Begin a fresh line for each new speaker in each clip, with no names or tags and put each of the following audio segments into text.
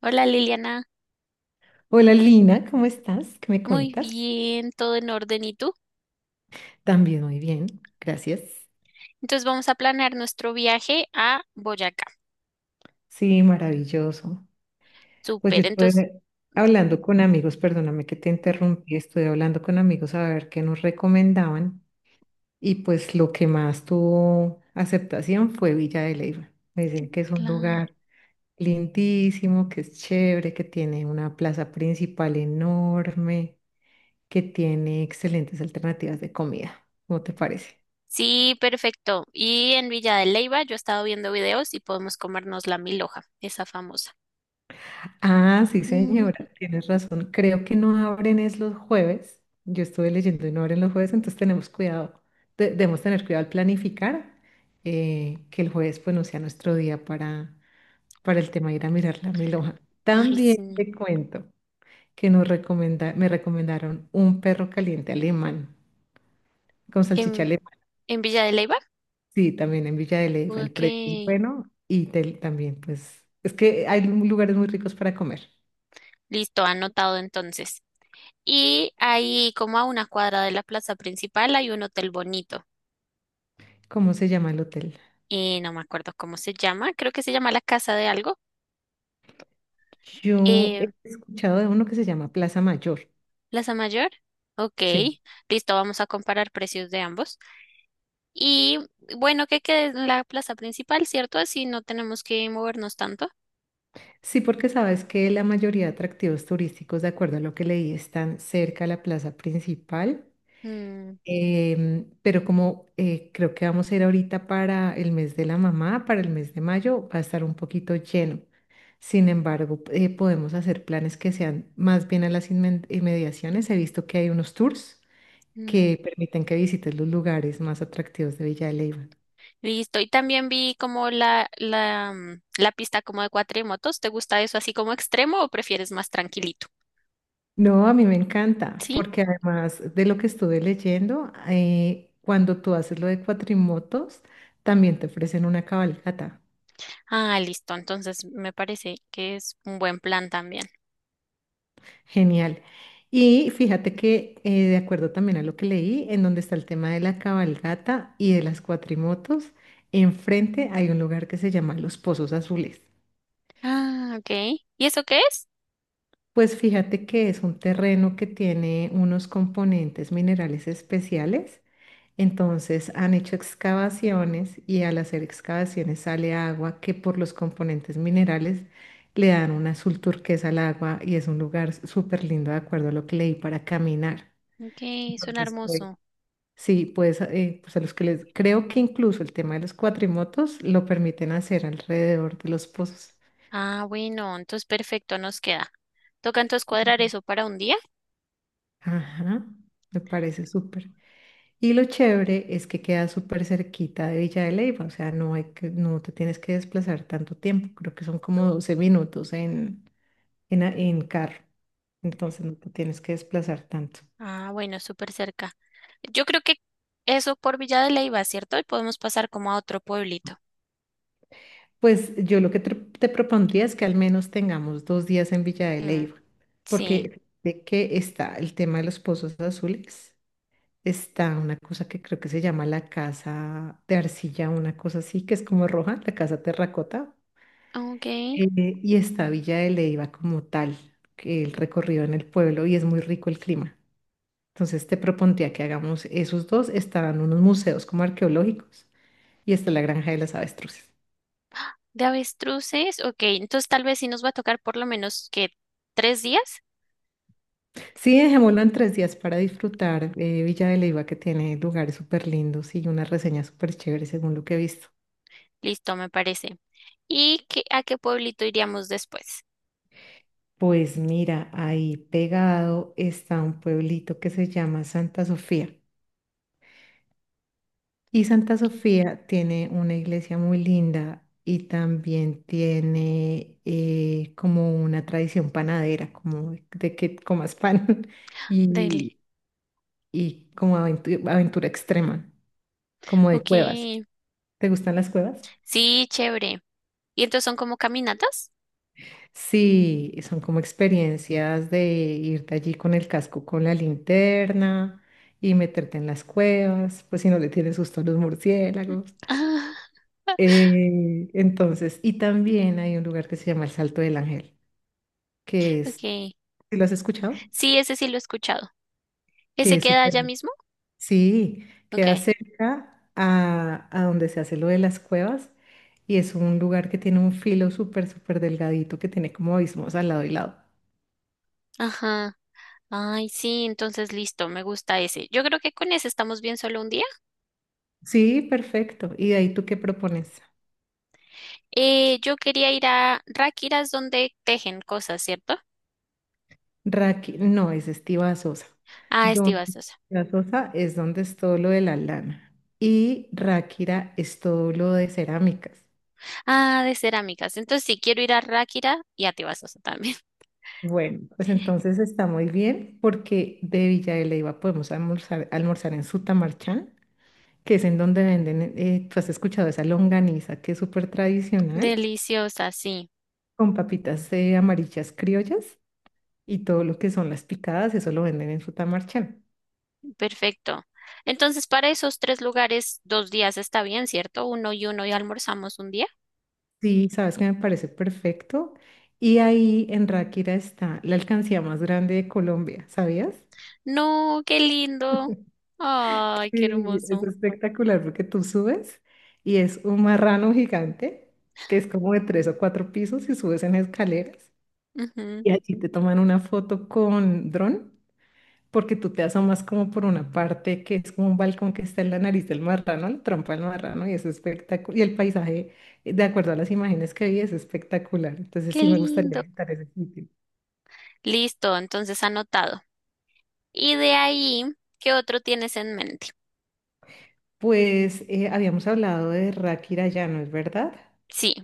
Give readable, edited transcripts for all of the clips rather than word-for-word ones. Hola Liliana,
Hola Lina, ¿cómo estás? ¿Qué me
muy
cuentas?
bien, todo en orden. ¿Y tú?
También muy bien, gracias.
Entonces vamos a planear nuestro viaje a Boyacá.
Sí, maravilloso. Pues yo
Súper, entonces,
estuve hablando con amigos, perdóname que te
¿Mm?
interrumpí, estuve hablando con amigos a ver qué nos recomendaban y pues lo que más tuvo aceptación fue Villa de Leyva. Me dicen que es un
Claro.
lugar lindísimo, que es chévere, que tiene una plaza principal enorme, que tiene excelentes alternativas de comida. ¿Cómo te parece?
Sí, perfecto. Y en Villa de Leyva yo he estado viendo videos y podemos comernos la milhoja, esa famosa.
Ah, sí,
Mm,
señora, tienes razón. Creo que no abren es los jueves. Yo estuve leyendo y no abren los jueves, entonces tenemos cuidado. Debemos tener cuidado al planificar, que el jueves pues no sea nuestro día para el tema de ir a mirar la mil hojas.
ay,
También
sí.
te cuento que nos me recomendaron un perro caliente alemán con salchicha
¿En,
alemana.
en Villa de Leyva?
Sí, también en Villa de Leyva. El
Ok,
precio es bueno y también pues es que hay lugares muy ricos para comer.
listo, anotado entonces. Y ahí, como a una cuadra de la plaza principal, hay un hotel bonito.
¿Cómo se llama el hotel?
No me acuerdo cómo se llama. Creo que se llama la Casa de algo.
Yo he
Eh,
escuchado de uno que se llama Plaza Mayor.
Plaza Mayor. Ok,
Sí.
listo, vamos a comparar precios de ambos. Y bueno, que quede en la plaza principal, ¿cierto? Así no tenemos que movernos tanto.
Sí, porque sabes que la mayoría de atractivos turísticos, de acuerdo a lo que leí, están cerca de la plaza principal.
Mm,
Pero como creo que vamos a ir ahorita para el mes de la mamá, para el mes de mayo, va a estar un poquito lleno. Sin embargo, podemos hacer planes que sean más bien a las inmediaciones. He visto que hay unos tours
mm,
que permiten que visites los lugares más atractivos de Villa de Leyva.
Listo. Y también vi como la pista como de cuatrimotos. ¿Te gusta eso así como extremo o prefieres más tranquilito?
No, a mí me encanta,
Sí.
porque además de lo que estuve leyendo, cuando tú haces lo de cuatrimotos, también te ofrecen una cabalgata.
Ah, listo. Entonces me parece que es un buen plan también.
Genial. Y fíjate que, de acuerdo también a lo que leí, en donde está el tema de la cabalgata y de las cuatrimotos, enfrente hay un lugar que se llama Los Pozos Azules.
Ah, ok. ¿Y eso qué es?
Pues fíjate que es un terreno que tiene unos componentes minerales especiales. Entonces han hecho excavaciones y al hacer excavaciones sale agua que por los componentes minerales le dan un azul turquesa al agua y es un lugar súper lindo de acuerdo a lo que leí para caminar.
Ok, suena
Entonces, pues,
hermoso.
sí, pues, pues a los que les creo que incluso el tema de los cuatrimotos lo permiten hacer alrededor de los pozos.
Ah, bueno, entonces perfecto, nos queda. Toca entonces cuadrar eso para un día.
Ajá, me parece súper. Y lo chévere es que queda súper cerquita de Villa de Leyva, o sea, no hay que, no te tienes que desplazar tanto tiempo, creo que son como 12 minutos en carro, entonces no te tienes que desplazar tanto.
Ah, bueno, súper cerca. Yo creo que eso por Villa de Leyva, ¿cierto? Y podemos pasar como a otro pueblito.
Pues yo lo que te propondría es que al menos tengamos 2 días en Villa de
Mm,
Leyva,
sí.
porque de que está el tema de los pozos azules, está una cosa que creo que se llama la casa de arcilla, una cosa así, que es como roja, la casa terracota.
Ok.
Y está Villa de Leiva como tal, que el recorrido en el pueblo y es muy rico el clima. Entonces te propondría que hagamos esos dos, estarán unos museos como arqueológicos y está la Granja de las Avestruces.
¿De avestruces? Ok, entonces tal vez sí nos va a tocar por lo menos que tres días.
Sí, dejémoslo en 3 días para disfrutar, Villa de Leiva, que tiene lugares súper lindos y una reseña súper chévere según lo que he visto.
Listo, me parece. ¿Y qué, a qué pueblito iríamos después?
Pues mira, ahí pegado está un pueblito que se llama Santa Sofía. Y Santa
Ok.
Sofía tiene una iglesia muy linda y también tiene, como una tradición panadera, como de que comas pan
Delhi.
y, y como aventura extrema, como de
Ok.
cuevas. ¿Te gustan las cuevas?
Sí, chévere. ¿Y entonces son como caminatas?
Sí, son como experiencias de irte allí con el casco, con la linterna y meterte en las cuevas, pues si no le tienes susto a los
Mm.
murciélagos.
Ah,
Entonces, y también hay un lugar que se llama el Salto del Ángel, que es,
ok.
¿sí? ¿Lo has escuchado?
Sí, ese sí lo he escuchado.
Que
¿Ese
es
queda allá
súper,
mismo?
sí, queda
Ok.
cerca a donde se hace lo de las cuevas y es un lugar que tiene un filo súper, súper delgadito que tiene como abismos al lado y lado.
Ajá. Ay, sí, entonces listo, me gusta ese. Yo creo que con ese estamos bien solo un día.
Sí, perfecto. ¿Y de ahí tú qué propones?
Yo quería ir a Ráquiras donde tejen cosas, ¿cierto?
Raqui, no, es Estiva Sosa.
Ah, es
Don
Tibasosa.
Estiva Sosa es donde es todo lo de la lana y Ráquira es todo lo de cerámicas.
Ah, de cerámicas. Entonces sí, quiero ir a Ráquira y a Tibasosa también.
Bueno, pues entonces está muy bien porque de Villa de Leyva podemos almorzar, en Sutamarchán, que es en donde venden, tú has escuchado esa longaniza que es súper tradicional,
Deliciosa, sí.
con papitas, amarillas criollas y todo lo que son las picadas, eso lo venden en Sutamarchán.
Perfecto. Entonces, para esos tres lugares, dos días está bien, ¿cierto? Uno y uno y almorzamos un día.
Sí, sabes que me parece perfecto. Y ahí en Ráquira está la alcancía más grande de Colombia, ¿sabías?
No, qué lindo. Ay, qué
Sí, es
hermoso.
espectacular porque tú subes y es un marrano gigante que es como de 3 o 4 pisos y subes en escaleras
Ujú,
y allí te toman una foto con dron porque tú te asomas como por una parte que es como un balcón que está en la nariz del marrano, la trompa del marrano y es espectacular. Y el paisaje, de acuerdo a las imágenes que vi, es espectacular. Entonces
qué
sí me gustaría
lindo.
visitar ese sitio.
Listo, entonces anotado. Y de ahí, ¿qué otro tienes en mente?
Pues habíamos hablado de Rakirayano, ¿es verdad?
Sí.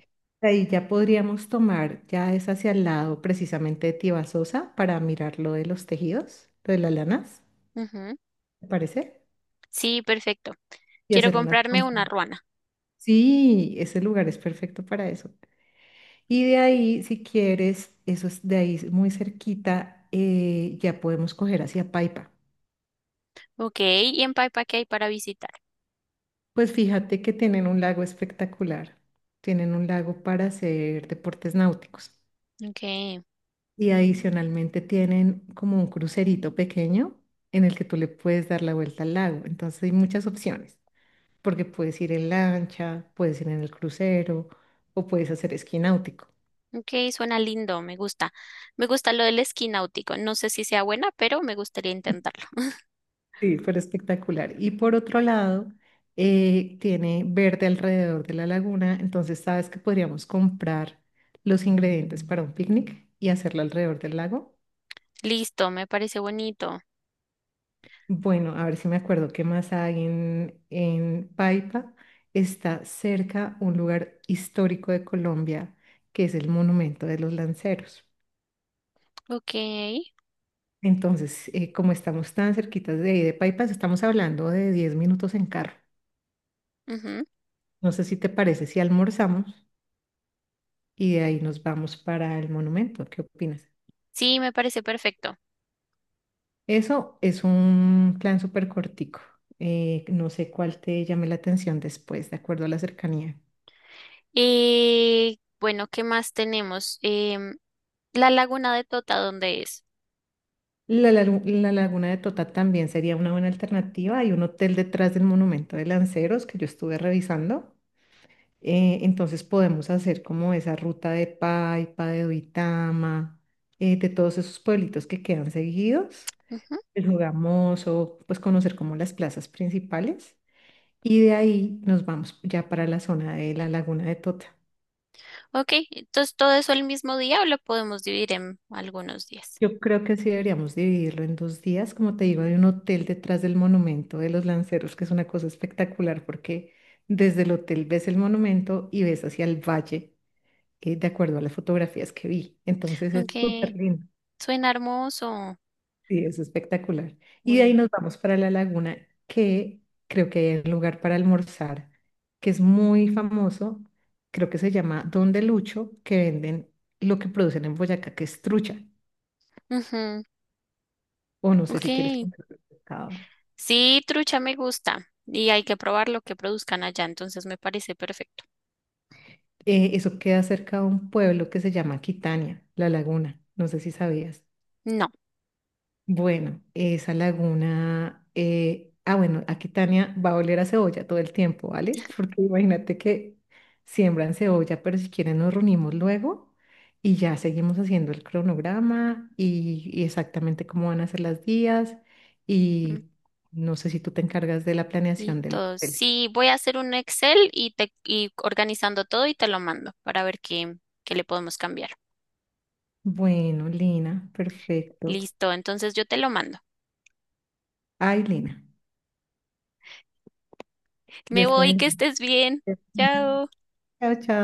Ahí ya podríamos tomar, ya es hacia el lado precisamente de Tibasosa para mirar lo de los tejidos, lo de las lanas,
Ujú,
¿te parece?
sí, perfecto.
Y
Quiero
hacer unas
comprarme una
compras.
ruana.
Sí, ese lugar es perfecto para eso. Y de ahí, si quieres, eso es de ahí muy cerquita, ya podemos coger hacia Paipa.
Ok, y en Paipa, ¿qué hay para visitar?
Pues fíjate que tienen un lago espectacular. Tienen un lago para hacer deportes náuticos.
Ok,
Y adicionalmente tienen como un crucerito pequeño en el que tú le puedes dar la vuelta al lago. Entonces hay muchas opciones, porque puedes ir en lancha, puedes ir en el crucero o puedes hacer esquí náutico.
ok, suena lindo, me gusta. Me gusta lo del esquí náutico. No sé si sea buena, pero me gustaría intentarlo.
Sí, pero espectacular. Y por otro lado, tiene verde alrededor de la laguna, entonces sabes que podríamos comprar los ingredientes para un picnic y hacerlo alrededor del lago.
Listo, me parece bonito.
Bueno, a ver si me acuerdo qué más hay en Paipa. Está cerca un lugar histórico de Colombia, que es el Monumento de los Lanceros.
Ok.
Entonces, como estamos tan cerquitas de ahí de Paipa, estamos hablando de 10 minutos en carro.
Ujú.
No sé si te parece si almorzamos y de ahí nos vamos para el monumento. ¿Qué opinas?
Sí, me parece perfecto.
Eso es un plan súper cortico. No sé cuál te llame la atención después, de acuerdo a la cercanía.
Bueno, ¿qué más tenemos? La laguna de Tota, ¿dónde es?
La laguna de Tota también sería una buena alternativa. Hay un hotel detrás del monumento de Lanceros que yo estuve revisando. Entonces podemos hacer como esa ruta de Paipa, de Duitama, de todos esos pueblitos que quedan seguidos,
Ujú.
el Jugamoso, pues conocer como las plazas principales. Y de ahí nos vamos ya para la zona de la laguna de Tota.
Ok, entonces todo eso el mismo día o lo podemos dividir en algunos días.
Yo creo que sí deberíamos dividirlo en 2 días. Como te digo, hay un hotel detrás del monumento de los lanceros, que es una cosa espectacular porque desde el hotel ves el monumento y ves hacia el valle, de acuerdo a las fotografías que vi. Entonces es súper
Ok,
lindo
suena hermoso.
y es espectacular. Y de ahí
Bueno.
nos vamos para la laguna, que creo que hay un lugar para almorzar, que es muy famoso, creo que se llama Don de Lucho, que venden lo que producen en Boyacá, que es trucha.
Ujú,
O no sé
ok.
si quieres comprar pescado.
Sí, trucha me gusta. Y hay que probar lo que produzcan allá, entonces me parece perfecto.
Eso queda cerca de un pueblo que se llama Quitania, La Laguna. No sé si sabías.
No.
Bueno, esa laguna, bueno, aquí Tania va a oler a cebolla todo el tiempo, ¿vale? Porque imagínate que siembran cebolla, pero si quieren nos reunimos luego y ya seguimos haciendo el cronograma y exactamente cómo van a ser las días y no sé si tú te encargas de la planeación del
Listo.
hotel.
Sí, voy a hacer un Excel y te y organizando todo y te lo mando para ver qué, qué le podemos cambiar.
Bueno, Lina, perfecto.
Listo, entonces yo te lo mando.
Ay, Lina,
Me
Dios te
voy, que
bendiga.
estés bien. Chao.
Chao, chao.